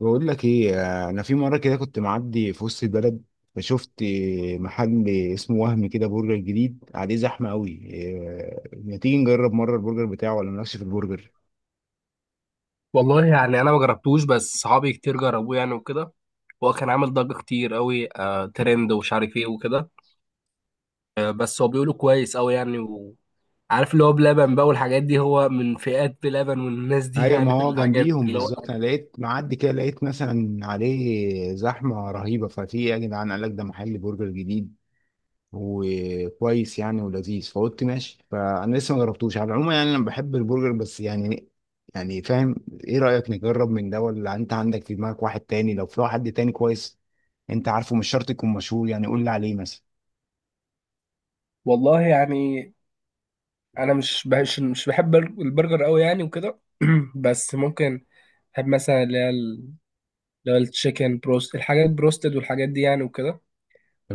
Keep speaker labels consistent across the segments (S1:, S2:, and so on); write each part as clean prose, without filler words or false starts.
S1: بقول لك ايه. انا في مره كده كنت معدي في وسط البلد، فشفت محل اسمه وهم، كده برجر جديد عليه زحمه قوي. إيه، ما تيجي نجرب مره البرجر بتاعه ولا نمشي في البرجر؟
S2: والله يعني انا ما جربتوش بس صحابي كتير جربوه يعني وكده. هو كان عامل ضجة كتير قوي ترند ومش عارف ايه وكده. بس هو بيقولوا كويس قوي يعني وعارف اللي هو بلبن بقى والحاجات دي هو من فئات بلبن والناس دي
S1: ايوه، ما
S2: يعني في
S1: هو
S2: الحاجات
S1: جنبيهم
S2: اللي هو.
S1: بالظبط. انا لقيت معدي كده، لقيت مثلا عليه زحمه رهيبه، ففي ايه يا جدعان؟ قال لك ده محل برجر جديد وكويس يعني ولذيذ، فقلت ماشي. فانا لسه ما جربتوش على العموم يعني، انا بحب البرجر بس يعني فاهم. ايه رأيك نجرب من ده، ولا انت عندك في دماغك واحد تاني؟ لو في واحد تاني كويس. انت عارفه، مش شرط يكون مشهور يعني، قول لي عليه مثلا.
S2: والله يعني انا مش بهش مش بحب البرجر قوي يعني وكده. بس ممكن بحب مثلا اللي هو التشيكن بروست الحاجات بروستد والحاجات دي يعني وكده.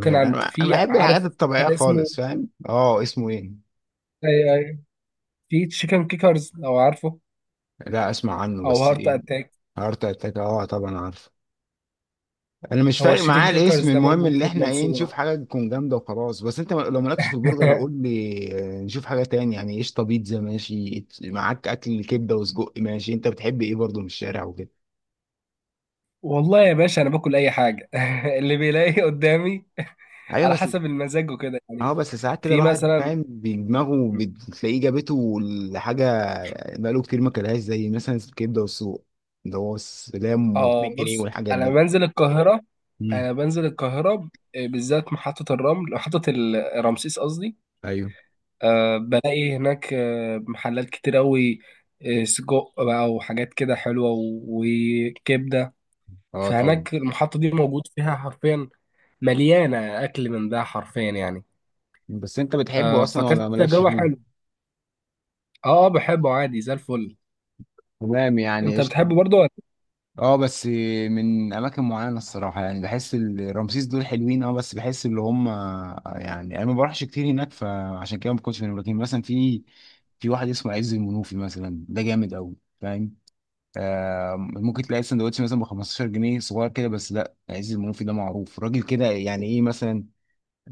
S2: كان عند
S1: انا
S2: في
S1: بحب الحاجات
S2: عارف
S1: الطبيعية
S2: محل اسمه.
S1: خالص، فاهم؟ اه، اسمه ايه؟
S2: أيوه، أيوه. في تشيكن كيكرز لو عارفه
S1: لا، اسمع عنه،
S2: او
S1: بس
S2: هارت
S1: ايه؟
S2: اتاك.
S1: هارت اتاك، اه طبعا عارف. انا مش
S2: هو
S1: فارق
S2: التشيكن
S1: معايا الاسم،
S2: كيكرز ده
S1: المهم
S2: موجود
S1: اللي
S2: في
S1: احنا ايه، نشوف
S2: المنصورة.
S1: حاجه تكون جامده وخلاص. بس انت لو مالكش في البرجر قول لي. آه، نشوف حاجه تاني يعني. قشطه. بيتزا ماشي معاك؟ اكل كبده وسجق ماشي؟ انت بتحب ايه برضه من الشارع وكده؟
S2: والله يا باشا انا باكل اي حاجة. اللي بيلاقي قدامي
S1: ايوه
S2: على
S1: بس.
S2: حسب المزاج وكده يعني.
S1: اه بس ساعات كده
S2: في
S1: الواحد
S2: مثلا
S1: فاهم بدماغه، بتلاقيه جابته لحاجه بقاله كتير ما كلهاش، زي مثلا الكبده والسجق اللي هو السلام
S2: اه
S1: و2 جنيه
S2: بص
S1: والحاجات
S2: انا
S1: دي.
S2: بنزل القاهرة.
S1: امم
S2: انا بنزل القاهرة آه، بالذات محطة الرمل محطة رمسيس قصدي.
S1: ايوه،
S2: أه بلاقي هناك محلات كتير أوي. سجق بقى وحاجات كده حلوة وكبدة.
S1: اه طبعا.
S2: فهناك المحطة دي موجود فيها حرفيا مليانة أكل من ده حرفيا يعني.
S1: بس انت بتحبه اصلا ولا
S2: فكانت
S1: مالكش
S2: تجربة
S1: فيه؟
S2: حلوة. بحبه عادي زي الفل.
S1: تمام يعني،
S2: انت
S1: قشطه.
S2: بتحبه برضه ولا؟
S1: اه بس من اماكن معينه الصراحه يعني، بحس رمسيس دول حلوين. اه بس بحس اللي هم، يعني انا ما بروحش كتير هناك فعشان كده ما كنتش من، لكن مثلا في واحد اسمه عز المنوفي مثلا، ده جامد قوي، فاهم؟ آه، ممكن تلاقي سندوتش مثلا ب 15 جنيه صغير كده، بس لا، عز المنوفي ده معروف، راجل كده يعني ايه مثلا.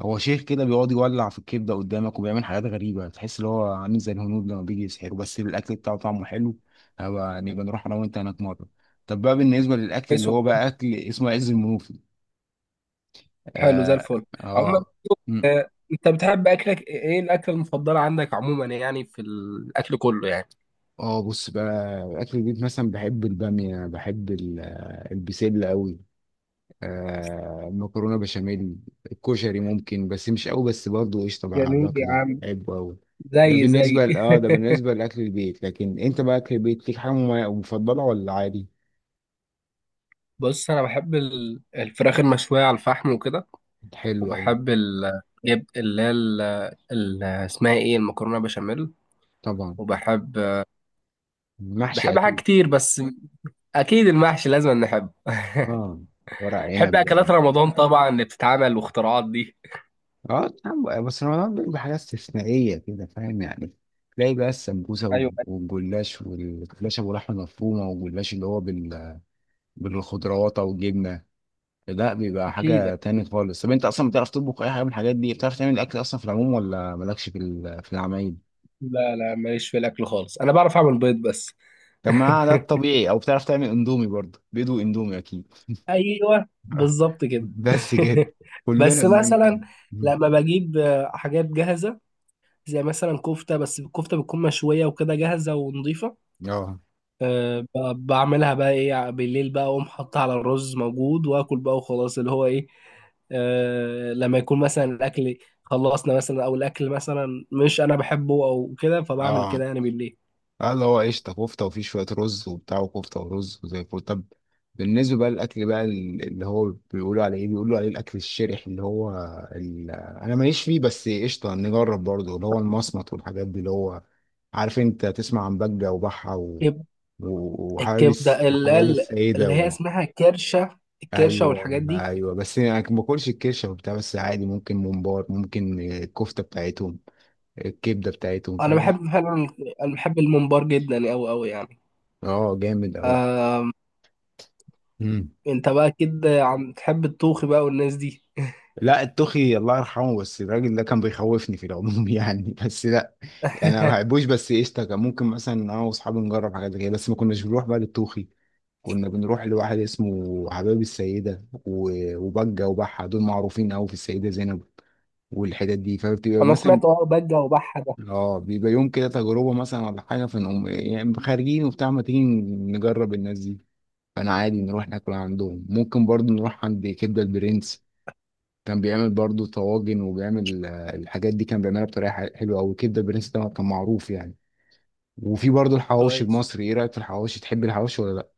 S1: هو شيخ كده بيقعد يولع في الكبده قدامك، وبيعمل حاجات غريبه، تحس اللي هو عامل زي الهنود لما بيجي يسحروا، بس الاكل بتاعه طعمه حلو. نبقى نروح انا وانت هناك مره. طب بقى بالنسبه للاكل
S2: كويس
S1: اللي هو
S2: والله.
S1: بقى اكل اسمه عز المنوفي.
S2: حلو زي
S1: اه،
S2: الفل. عموما
S1: اه، مم.
S2: انت بتحب أكلك ايه؟ إيه الأكلة المفضلة عندك عموما يعني في الأكل كله يعني؟
S1: اه بص بقى، اكل البيت مثلا، بحب الباميه، بحب البسله قوي. آه، مكرونه بشاميل. الكشري ممكن بس مش قوي، بس برضه قشطه بقى
S2: جميل يا
S1: باكله،
S2: عم.
S1: بحبه قوي.
S2: زي زي
S1: ده بالنسبه لاكل البيت، لكن انت بقى اكل البيت ليك حاجه مفضله ولا عادي؟
S2: بص انا بحب الفراخ المشويه على الفحم وكده.
S1: حلو قوي.
S2: وبحب ال- جيب اللي هي ال- ال- اسمها ايه المكرونه بشاميل.
S1: طبعا.
S2: وبحب.
S1: محشي
S2: بحب حاجات
S1: اكيد.
S2: كتير بس اكيد المحشي لازم نحبه.
S1: اه، ورق
S2: بحب
S1: عنب بقى.
S2: اكلات رمضان طبعا اللي بتتعمل واختراعات دي.
S1: اه طبعاً، بس رمضان بيبقى حاجات استثنائيه كده، فاهم يعني. تلاقي بقى السمبوسه
S2: ايوه
S1: والجلاش، والجلاش ابو لحمه مفرومه، والجلاش اللي هو بالخضروات او الجبنه. لا، بيبقى
S2: اكيد.
S1: حاجة تاني خالص. طب انت اصلا بتعرف تطبخ اي حاجة من الحاجات دي؟ بتعرف تعمل الاكل اصلا في العموم ولا مالكش في في العمايل؟
S2: لا لا ماليش في الاكل خالص. انا بعرف اعمل بيض بس.
S1: طب ما ده الطبيعي، او بتعرف تعمل اندومي برضه، بيض واندومي اكيد.
S2: ايوه بالظبط كده.
S1: بس كده، كلنا
S2: بس
S1: بنعمل كده.
S2: مثلا
S1: مم.
S2: لما بجيب حاجات جاهزه زي مثلا كفته بس الكفته بتكون مشويه وكده جاهزه ونظيفه.
S1: اه،
S2: أه بعملها بقى ايه بالليل بقى اقوم حاطها على الرز موجود واكل بقى وخلاص اللي هو ايه. أه لما يكون مثلا الاكل خلصنا مثلا او الاكل مثلا مش انا بحبه او كده فبعمل
S1: اه،
S2: كده يعني بالليل.
S1: اه، اللي هو قشطة كفتة وفيه شوية رز وبتاع، وكفتة ورز، وزي الفل. طب بالنسبة بقى للأكل بقى اللي هو بيقولوا عليه إيه، بيقولوا عليه الأكل الشرح، اللي هو أنا ماليش فيه بس قشطة نجرب برضه اللي هو المصمت والحاجات دي، اللي هو عارف أنت تسمع عن بجة وبحة و...
S2: كب-
S1: وحوابس،
S2: الكبده اللي هي
S1: حوابس سيدة
S2: اللي هي
S1: و...
S2: اسمها كرشه الكرشه
S1: أيوه،
S2: والحاجات دي.
S1: أيوه، بس أنا ما باكلش الكرشة وبتاع، بس عادي، ممكن ممبار، ممكن الكفتة بتاعتهم، الكبدة بتاعتهم،
S2: انا
S1: فاهم؟
S2: بحب فعلا. انا بحب الممبار جدا اوي اوي يعني.
S1: أه، جامد
S2: آه،
S1: أوي.
S2: انت بقى كده عم تحب الطوخي بقى والناس دي.
S1: لا، التوخي الله يرحمه، بس الراجل ده كان بيخوفني في العموم يعني، بس لا. يعني انا ما بحبوش، بس قشطه كان ممكن مثلا انا واصحابي نجرب حاجات زي كده، بس ما كناش بنروح بقى للتوخي. كنا بنروح لواحد اسمه حباب السيده وبجه وبحه، دول معروفين قوي في السيده زينب والحتت دي، فبتبقى
S2: انا
S1: مثلا.
S2: سمعت اه بجه وبحه ده.
S1: اه بيبقى يوم كده تجربه مثلا ولا حاجه، فنقوم يعني خارجين وبتاع، ما تيجي نجرب الناس دي. فانا عادي نروح ناكل عندهم، ممكن برضو نروح عند كبده البرنس. كان بيعمل برضو طواجن، وبيعمل آه، الحاجات دي، كان بيعملها بطريقه حلوه قوي، الكبده البرنس ده كان معروف يعني. وفي برضو الحواوشي
S2: كويس.
S1: المصري، ايه رايك في الحواوشي، تحب الحواوشي ولا لا؟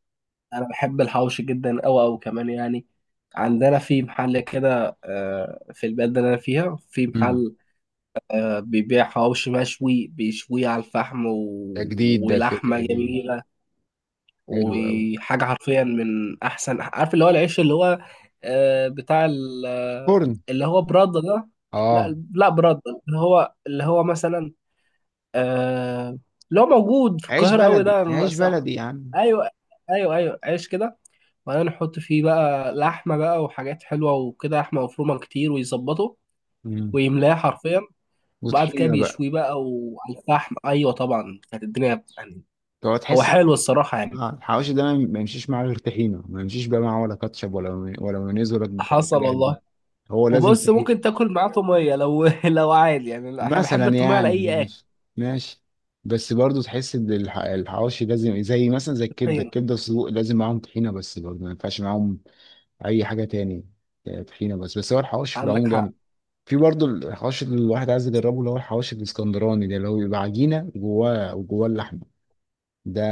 S2: انا بحب الحوش جدا او او كمان يعني. عندنا في محل كده في البلد اللي انا فيها في
S1: مم.
S2: محل. بيبيع حوش مشوي بيشويه على الفحم و...
S1: ده جديد، ده
S2: ولحمه
S1: الفكره دي.
S2: جميله.
S1: حلو قوي.
S2: وحاجه حرفيا من احسن عارف اللي هو العيش اللي هو. بتاع
S1: فرن.
S2: اللي هو برده ده.
S1: اه،
S2: لا لا برده. اللي هو مثلا. آه، اللي هو موجود في
S1: عيش
S2: القاهره قوي
S1: بلدي
S2: ده أنا
S1: عيش
S2: ايوه
S1: بلدي يا عم.
S2: ايوه ايوه ايوه عيش كده. وبعدين نحط فيه بقى لحمة بقى وحاجات حلوة وكده لحمة مفرومة كتير ويظبطه
S1: مم.
S2: ويملاه حرفيا. وبعد كده
S1: وطحينه بقى.
S2: بيشويه بقى وعلى الفحم أيوة طبعا كانت الدنيا يعني.
S1: تقعد
S2: هو
S1: تحس.
S2: حلو الصراحة يعني.
S1: آه، الحواوشي ده ما يمشيش معاه غير طحينه، ما يمشيش بقى معاه ولا كاتشب ولا مايونيز ولا
S2: حصل
S1: الحاجات دي،
S2: والله.
S1: هو لازم.
S2: وبص ممكن تاكل معاه طومية لو لو عادي يعني أنا بحب
S1: مثلا
S2: الطومية على
S1: يعني
S2: أي أكل.
S1: ماشي. ماشي بس برضو تحس ان الحواوشي لازم زي مثلا زي الكبده،
S2: حين.
S1: الكبده السجق لازم معاهم طحينه، بس برضو ما ينفعش معاهم اي حاجه تاني. آه، طحينه بس هو الحواوشي في
S2: عندك
S1: العموم
S2: حق.
S1: جامد. في برضو الحواوشي اللي الواحد عايز يجربه، اللي هو الحواوشي الاسكندراني ده، اللي هو بيبقى عجينه وجواه اللحمه، ده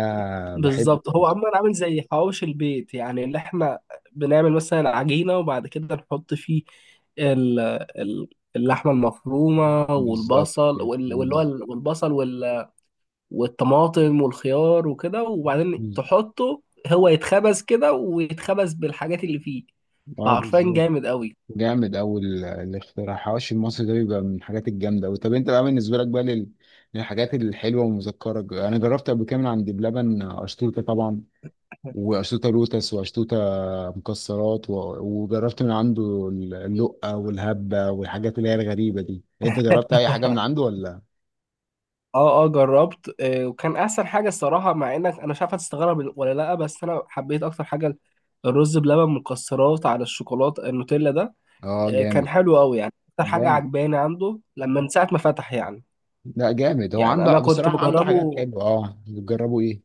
S1: بحبه
S2: بالظبط هو
S1: برضو.
S2: عموما عامل زي حواوشي البيت يعني اللي احنا بنعمل مثلا عجينة وبعد كده نحط فيه ال- ال- اللحمة المفرومة
S1: بالظبط
S2: والبصل
S1: كده.
S2: والبصل والطماطم والخيار وكده وبعدين
S1: بز-
S2: تحطه. هو يتخبز كده ويتخبز بالحاجات اللي فيه.
S1: اه
S2: فعرفان
S1: بالظبط.
S2: جامد قوي.
S1: جامد أوي، الاختراع حواشي المصري ده بيبقى من الحاجات الجامدة أوي. طب أنت بقى بالنسبة لك بقى لل... للحاجات الحلوة، ومذكرك أنا جربت قبل كده من عند بلبن أشطوطة طبعا، وأشطوطة لوتس، وأشطوطة مكسرات و... وجربت من عنده اللقة والهبة والحاجات اللي هي الغريبة دي. أنت جربت أي حاجة من عنده ولا؟
S2: اه اه جربت وكان احسن حاجه الصراحه مع انك انا مش عارف هتستغرب ولا لا بس انا حبيت اكتر حاجه الرز بلبن مكسرات على الشوكولاته النوتيلا ده.
S1: أه
S2: كان
S1: جامد.
S2: حلو قوي يعني اكتر حاجه
S1: جامد.
S2: عجباني عنده لما من ساعه ما فتح يعني.
S1: لا جامد، هو
S2: يعني
S1: عنده
S2: انا كنت
S1: بصراحة عنده حاجات
S2: بجربه.
S1: حلوة. أه، بتجربوا إيه؟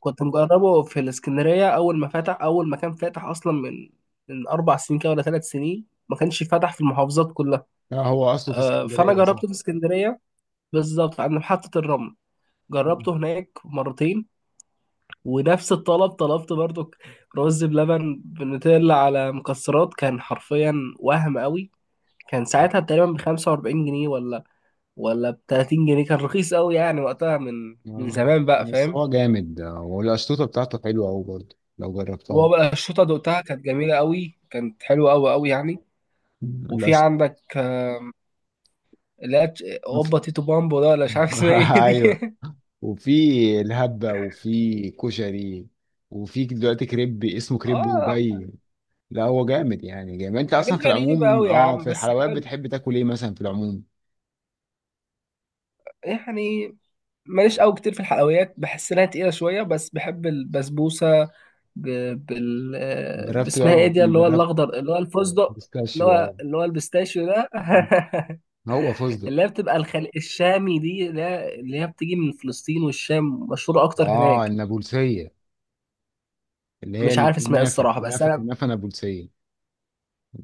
S2: كنت مجربه في الاسكندريه اول ما فتح اول ما كان فاتح اصلا من 4 سنين كده ولا 3 سنين ما كانش فاتح في المحافظات كلها.
S1: لا، هو أصله في
S2: فانا
S1: اسكندرية صح؟
S2: جربته في اسكندريه بالظبط عند محطه الرمل. جربته هناك مرتين ونفس الطلب طلبت برضو رز بلبن بنوتيلا على مكسرات كان حرفيا وهم قوي. كان ساعتها تقريبا ب 45 جنيه ولا ب 30 جنيه كان رخيص قوي يعني وقتها من
S1: اه
S2: زمان بقى
S1: بس
S2: فاهم.
S1: هو جامد، والقشطوطة بتاعته حلوة أوي برضه لو
S2: هو
S1: جربتها.
S2: بقى الشوطه دقتها كانت جميله قوي كانت حلوه قوي قوي يعني. وفي
S1: القشطة.
S2: عندك اللي هي اوبا تيتو بامبو ده ولا مش عارف اسمها ايه دي؟
S1: أيوه. وفي الهبة، وفي كشري، وفي دلوقتي كريب اسمه كريب
S2: اه
S1: دبي. لا، هو جامد يعني جامد. أنت
S2: حاجات
S1: أصلا في
S2: غريبه
S1: العموم
S2: قوي يا
S1: اه،
S2: عم
S1: في
S2: بس
S1: الحلويات
S2: حلو
S1: بتحب تاكل إيه مثلا في العموم؟
S2: يعني. ماليش قوي كتير في الحلويات بحس انها تقيله شويه بس بحب البسبوسه. ب... بال آه،
S1: جربت.
S2: باسمها ايه دي اللي هو
S1: جربت
S2: الاخضر اللي هو الفستق. اللي
S1: بيستاشيو.
S2: هو
S1: اه،
S2: اللي هو البستاشيو ده.
S1: هو فستق.
S2: اللي هي بتبقى الشامي دي اللي هي بتيجي من فلسطين والشام مشهوره اكتر
S1: اه،
S2: هناك.
S1: النابلسية، اللي هي
S2: مش عارف اسمها ايه
S1: الكنافة،
S2: الصراحه بس
S1: كنافة
S2: انا.
S1: كنافة نابلسية.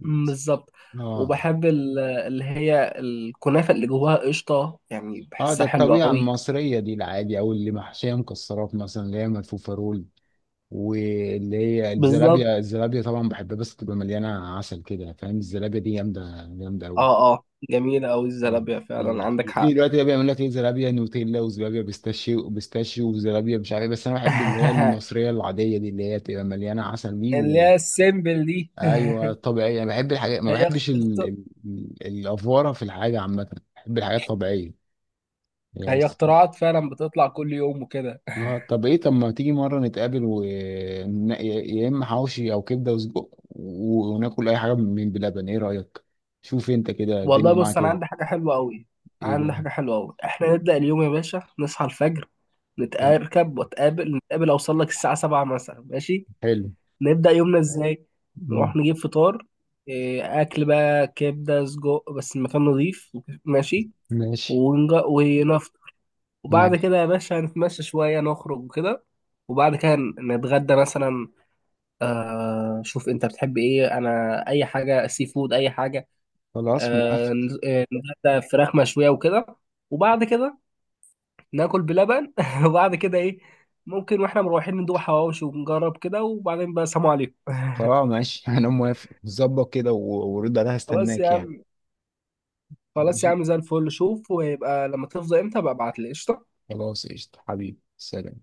S2: مم، بالظبط.
S1: اه،
S2: وبحب اللي هي الكنافه اللي جواها قشطه يعني
S1: اه، ده
S2: بحسها حلوه
S1: الطبيعة
S2: قوي.
S1: المصرية دي العادي، او اللي محشية مكسرات مثلا، اللي هي ملفوفة رول. واللي هي
S2: بالظبط.
S1: الزلابية، الزلابية طبعا بحبها، بس تبقى مليانة عسل كده فاهم، الزلابية دي جامدة، جامدة أوي.
S2: اه اه جميله قوي
S1: آه.
S2: الزلابيه فعلا عندك حق.
S1: في دلوقتي بقى بيعمل لك ايه، زلابية نوتيلا وزلابية بيستاشيو، وبيستاشيو وزلابية مش عارف إيه، بس انا بحب اللي هي المصرية العادية دي، اللي هي تبقى مليانة عسل دي
S2: اللي
S1: و...
S2: هي السيمبل دي.
S1: ايوه طبيعية، انا بحب الحاجات، ما
S2: هي اخت-
S1: بحبش
S2: اخت-
S1: الافوارة في الحاجة عامة، بحب الحاجات الطبيعية يعني.
S2: هي اختراعات فعلا بتطلع كل يوم وكده.
S1: اه، طب ايه، طب ما تيجي مرة نتقابل و يا اما حواوشي او كبدة وسجق، وناكل اي حاجة من بلبن، ايه رأيك؟ شوف انت كده
S2: والله
S1: الدنيا
S2: بص
S1: معاك
S2: انا عندي
S1: ايه.
S2: حاجه حلوه قوي.
S1: ايه بقى؟
S2: احنا نبدا اليوم يا باشا نصحى الفجر
S1: تم-
S2: نتركب واتقابل اوصل لك الساعه 7 مثلا ماشي.
S1: حلو.
S2: نبدا يومنا ازاي.
S1: مم.
S2: نروح نجيب فطار. إيه، اكل بقى كبده سجق بس المكان نظيف. ماشي.
S1: ماشي.
S2: ونفطر. وبعد
S1: ماشي،
S2: كده يا باشا هنتمشى شويه نخرج وكده. وبعد كده نتغدى مثلا. آه شوف انت بتحب ايه انا اي حاجه سي فود اي حاجه.
S1: خلاص
S2: آه
S1: موافق.
S2: ن- آه، نتغدى فراخ مشويه وكده. وبعد كده ناكل بلبن. وبعد كده ايه ممكن واحنا مروحين ندوق حواوشي ونجرب كده وبعدين بقى سلام عليكم.
S1: خلاص ماشي انا موافق، ظبط كده ورد عليها
S2: خلاص يا
S1: استناك يعني.
S2: عم. خلاص يا
S1: ماشي.
S2: عم زي الفل. شوف ويبقى لما تفضى امتى بقى ابعت لي قشطة.
S1: خلاص، قشطة حبيبي، سلام.